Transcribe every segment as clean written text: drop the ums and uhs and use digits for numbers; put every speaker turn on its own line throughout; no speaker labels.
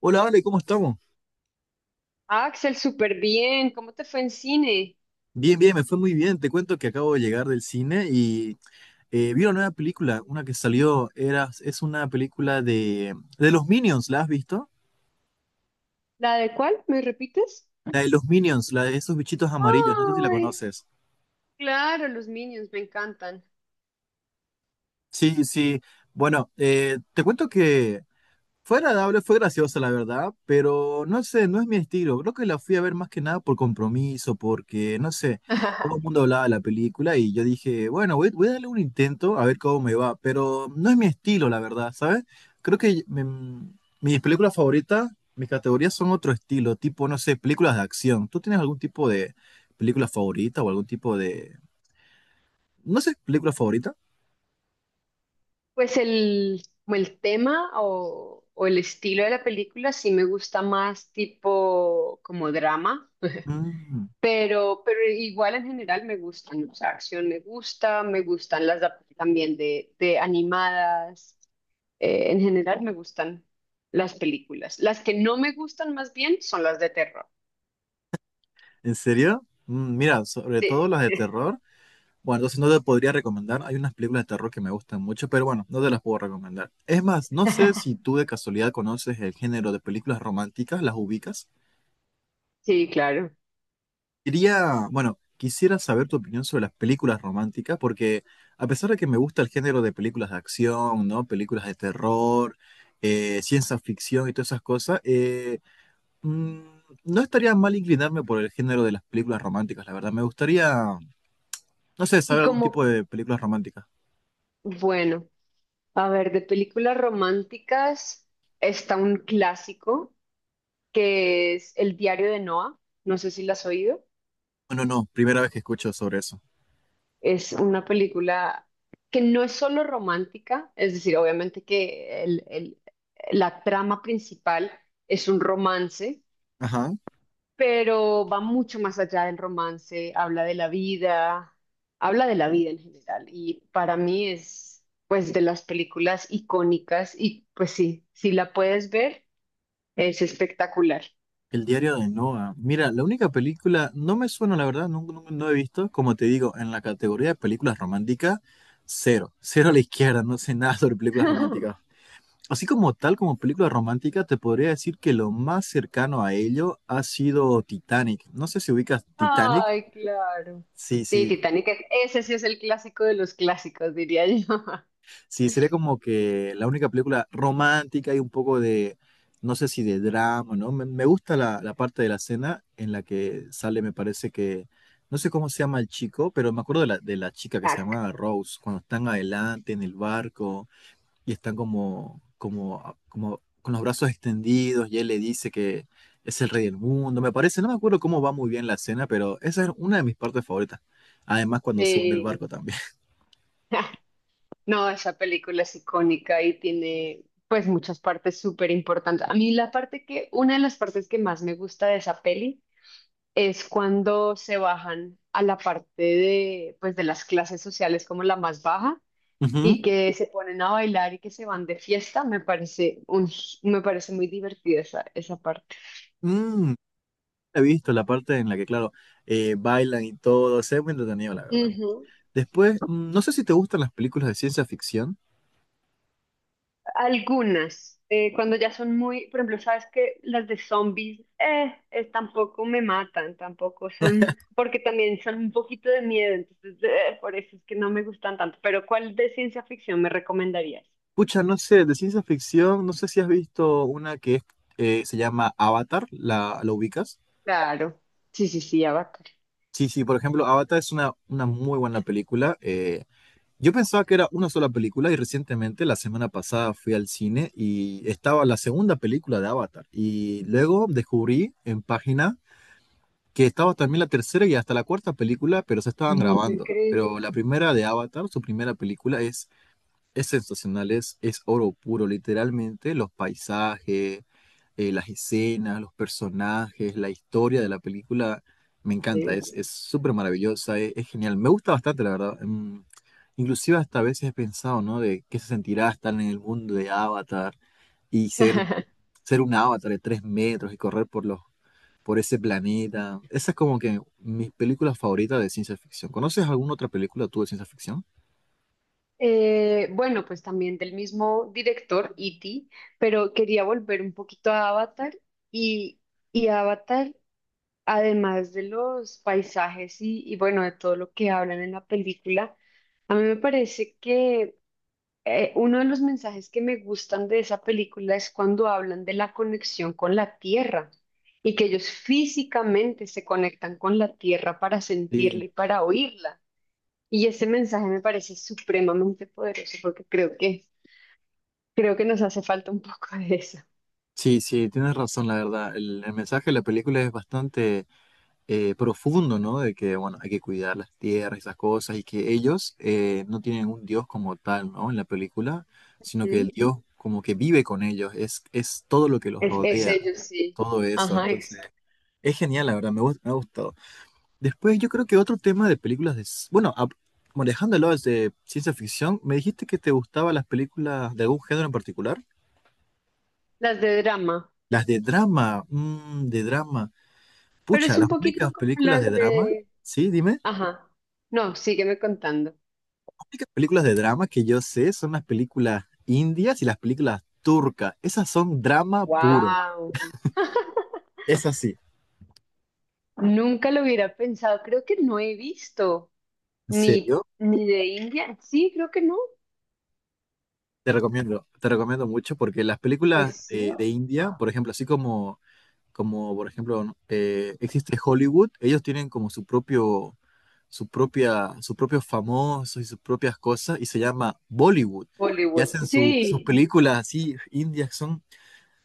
Hola, Ale, ¿cómo estamos?
Axel, súper bien. ¿Cómo te fue en cine?
Bien, me fue muy bien. Te cuento que acabo de llegar del cine y vi una nueva película, una que salió, es una película de los Minions, ¿la has visto?
¿La de cuál? ¿Me repites?
La de los Minions, la de esos bichitos amarillos, no sé si la
Ay,
conoces.
claro, los Minions me encantan.
Sí, sí. Bueno, te cuento que fue agradable, fue graciosa, la verdad, pero no sé, no es mi estilo. Creo que la fui a ver más que nada por compromiso, porque, no sé, todo el mundo hablaba de la película y yo dije, bueno, voy a darle un intento a ver cómo me va, pero no es mi estilo, la verdad, ¿sabes? Creo que mis películas favoritas, mis categorías son otro estilo, tipo, no sé, películas de acción. ¿Tú tienes algún tipo de película favorita o algún tipo de, no sé, película favorita?
Pues como el tema o el estilo de la película sí me gusta más tipo como drama,
Mm,
pero igual en general me gustan, o sea, acción me gusta, me gustan las también de animadas, en general me gustan las películas. Las que no me gustan más bien son las de terror.
¿en serio? Mm, mira, sobre
Sí,
todo las de terror. Bueno, entonces no te podría recomendar. Hay unas películas de terror que me gustan mucho, pero bueno, no te las puedo recomendar. Es más, no sé si tú de casualidad conoces el género de películas románticas, las ubicas.
sí, claro.
Quería, bueno, quisiera saber tu opinión sobre las películas románticas, porque a pesar de que me gusta el género de películas de acción, ¿no? Películas de terror, ciencia ficción y todas esas cosas, mm, no estaría mal inclinarme por el género de las películas románticas, la verdad. Me gustaría, no sé,
Y
saber algún tipo
como,
de películas románticas.
bueno, a ver, de películas románticas está un clásico que es El diario de Noah. No sé si la has oído.
Bueno, no, primera vez que escucho sobre eso.
Es una película que no es solo romántica, es decir, obviamente que la trama principal es un romance.
Ajá.
Pero va mucho más allá del romance, habla de la vida, habla de la vida en general y para mí es pues de las películas icónicas y pues sí, si la puedes ver, es espectacular.
El diario de Noah. Mira, la única película, no me suena, la verdad, no he visto, como te digo, en la categoría de películas románticas, cero, cero a la izquierda, no sé nada sobre películas románticas. Así como tal, como película romántica, te podría decir que lo más cercano a ello ha sido Titanic. No sé si ubicas Titanic.
Ay, claro.
Sí,
Sí,
sí,
Titanic, ese sí es el clásico de los clásicos, diría yo.
sí, sería como que la única película romántica y un poco de, no sé si de drama, ¿no? Me gusta la parte de la cena en la que sale, me parece que, no sé cómo se llama el chico, pero me acuerdo de de la chica que se
Tac.
llamaba Rose, cuando están adelante en el barco y están como con los brazos extendidos y él le dice que es el rey del mundo, me parece, no me acuerdo cómo va muy bien la cena, pero esa es una de mis partes favoritas. Además, cuando se hunde el
Sí.
barco también.
No, esa película es icónica y tiene pues muchas partes súper importantes. A mí una de las partes que más me gusta de esa peli es cuando se bajan a la parte de, pues, de las clases sociales como la más baja
Ujú.
y que se ponen a bailar y que se van de fiesta, me parece muy divertida esa parte.
Mm, he visto la parte en la que, claro, bailan y todo. Se ve muy entretenido, la verdad.
Ujú.
Después, mm, no sé si te gustan las películas de ciencia ficción.
Algunas, cuando ya son muy, por ejemplo, sabes que las de zombies, tampoco me matan, tampoco son, porque también son un poquito de miedo, entonces por eso es que no me gustan tanto. Pero ¿cuál de ciencia ficción me recomendarías?
Pucha, no sé, de ciencia ficción, no sé si has visto una que es, se llama Avatar, ¿la, la ubicas?
Claro, sí, sí, sí, ya.
Sí, sí, por ejemplo, Avatar es una muy buena película. Yo pensaba que era una sola película y recientemente, la semana pasada, fui al cine y estaba la segunda película de Avatar. Y luego descubrí en páginas que estaba también la tercera y hasta la cuarta película, pero se estaban
No te
grabando.
crees.
Pero la primera de Avatar, su primera película, es sensacional, es oro puro, literalmente, los paisajes, las escenas, los personajes, la historia de la película, me encanta,
Eh,
es súper maravillosa, es genial, me gusta bastante, la verdad. Mm, inclusive hasta a veces he pensado, ¿no? De qué se sentirá estar en el mundo de Avatar y ser, ser un avatar de 3 metros y correr por los por ese planeta. Esa es como que mis películas favoritas de ciencia ficción. ¿Conoces alguna otra película tú de ciencia ficción?
Bueno, pues también del mismo director, E.T., pero quería volver un poquito a Avatar y, y Avatar, además de los paisajes y bueno, de todo lo que hablan en la película, a mí me parece que uno de los mensajes que me gustan de esa película es cuando hablan de la conexión con la tierra y que ellos físicamente se conectan con la tierra para
Sí,
sentirla y para oírla. Y ese mensaje me parece supremamente poderoso porque creo que nos hace falta un poco de eso.
sí, sí, tienes razón, la verdad. El mensaje de la película es bastante profundo, ¿no? De que, bueno, hay que cuidar las tierras, esas cosas, y que ellos no tienen un dios como tal, ¿no? En la película, sino que
¿Mm?
el dios como que vive con ellos, es todo lo que los
Es
rodea,
ellos, sí.
todo eso.
Ajá,
Entonces,
exacto.
es genial, la verdad, me, gust- me ha gustado. Después yo creo que otro tema de películas de... s- bueno, a- bueno, dejándolo de ciencia ficción, me dijiste que te gustaban las películas de algún género en particular.
Las de drama.
Las de drama, mm, de drama.
Pero es
Pucha,
un
las
poquito
únicas
como
películas
las
de drama,
de...
sí, dime. Las
Ajá. No, sígueme contando.
únicas películas de drama que yo sé son las películas indias y las películas turcas. Esas son drama puro.
Wow.
Es así.
Nunca lo hubiera pensado. Creo que no he visto
¿En serio?
ni de India. Sí, creo que no.
Te recomiendo mucho porque las películas
Pues sí.
de India, por ejemplo, así como como por ejemplo, ¿no? Existe Hollywood, ellos tienen como su propio, su propia, sus propios famosos y sus propias cosas, y se llama Bollywood. Y
Bollywood.
hacen su- sus
Sí.
películas así, indias,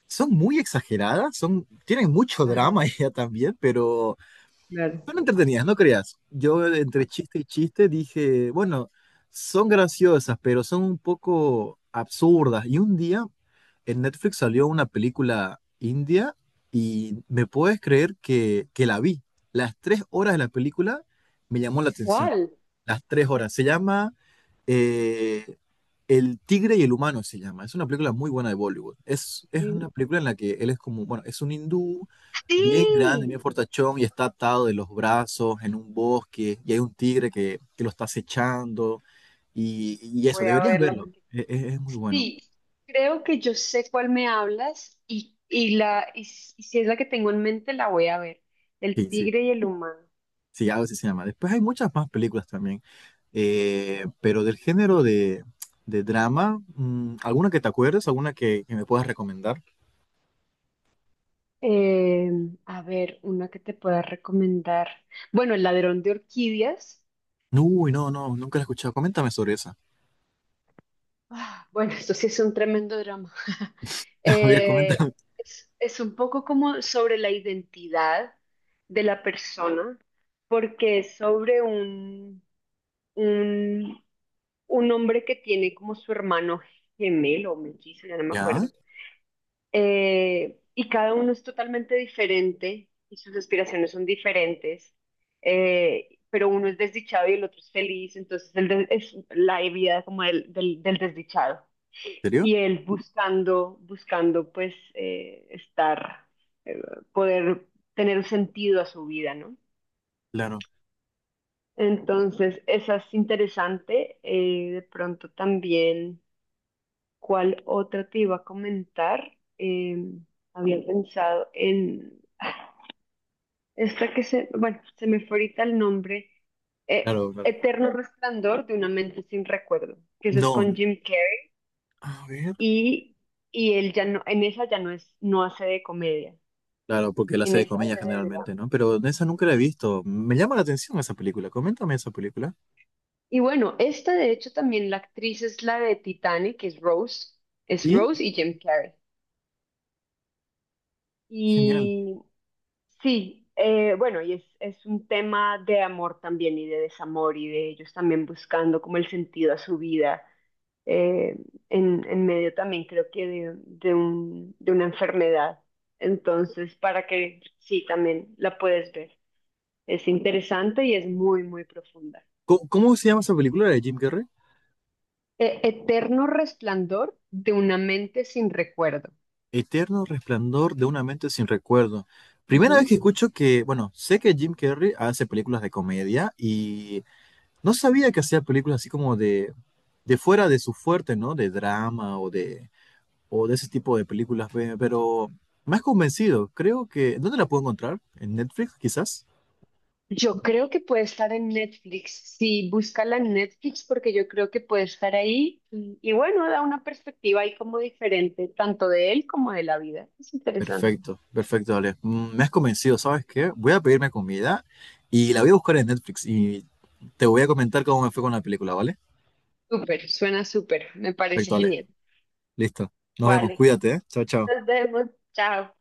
son muy exageradas, son, tienen mucho
Ajá,
drama ya también, pero
claro.
son entretenidas, no creas. Yo entre chiste y chiste dije, bueno, son graciosas, pero son un poco absurdas. Y un día en Netflix salió una película india y me puedes creer que la vi. Las 3 horas de la película me llamó la atención.
¿Cuál?
Las tres horas. Se llama eh, El tigre y el humano, se llama. Es una película muy buena de Bollywood. Es una película en la que él es como, bueno, es un hindú bien grande,
Sí.
bien fortachón y está atado de los brazos en un bosque y hay un tigre que lo está acechando y eso,
Voy a
deberías
verla
verlo.
porque
E- e- es, muy bueno.
sí, creo que yo sé cuál me hablas y si es la que tengo en mente, la voy a ver. El
Sí, sí,
tigre y el humano.
sí, algo así se llama. Después hay muchas más películas también, pero del género de drama, mm, ¿alguna que te acuerdes? ¿Alguna que me puedas recomendar?
Eh, a ver, una que te pueda recomendar. Bueno, El ladrón de orquídeas.
Uy, nunca la he escuchado. Coméntame sobre esa.
Ah, bueno, esto sí es un tremendo drama.
A ver,
Eh,
coméntame.
es un poco como sobre la identidad de la persona, porque es sobre un un hombre que tiene como su hermano gemelo o mellizo, ya no me
¿Ya? ¿En
acuerdo. Y cada uno es totalmente diferente y sus aspiraciones son diferentes. Pero uno es desdichado y el otro es feliz, entonces es la vida como del desdichado.
serio?
Y él buscando pues estar, eh, poder tener un sentido a su vida, ¿no?
Claro.
Entonces, esa es interesante. De pronto también, ¿cuál otra te iba a comentar? Había pensado en esta que se, bueno, se me fue ahorita el nombre,
Claro, claro.
Eterno Resplandor de una mente sin recuerdo, que eso es
No,
con Jim Carrey
a ver.
y, y él ya no, en esa ya no es, no hace de comedia,
Claro, porque la
en
sé de
esa
comedia
hace de drama.
generalmente, ¿no? Pero de esa nunca la he visto. Me llama la atención esa película. Coméntame esa película.
Y bueno, esta de hecho también la actriz es la de Titanic, que es
¿Y?
Rose y Jim Carrey.
Genial.
Y sí, bueno, y es un tema de amor también y de desamor y de ellos también buscando como el sentido a su vida, eh, en medio también creo que de una enfermedad. Entonces, para que sí, también la puedes ver. Es interesante y es muy, muy profunda.
¿Cómo, cómo se llama esa película de Jim Carrey?
Eterno resplandor de una mente sin recuerdo.
Eterno resplandor de una mente sin recuerdo. Primera vez
Ujú.
que escucho que, bueno, sé que Jim Carrey hace películas de comedia y no sabía que hacía películas así como de fuera de su fuerte, ¿no? De drama o de ese tipo de películas, pe- pero me has convencido. Creo que... ¿Dónde la puedo encontrar? ¿En Netflix, quizás?
Yo creo que puede estar en Netflix. Sí, búscala en Netflix porque yo creo que puede estar ahí. Y bueno, da una perspectiva ahí como diferente, tanto de él como de la vida. Es interesante.
Perfecto, perfecto, Ale. Mm, me has convencido, ¿sabes qué? Voy a pedirme comida y la voy a buscar en Netflix y te voy a comentar cómo me fue con la película, ¿vale?
Súper, suena súper. Me parece
Perfecto, Ale.
genial.
Listo. Nos vemos.
Vale,
Cuídate, ¿eh? Chao, chao.
nos vemos. Chao.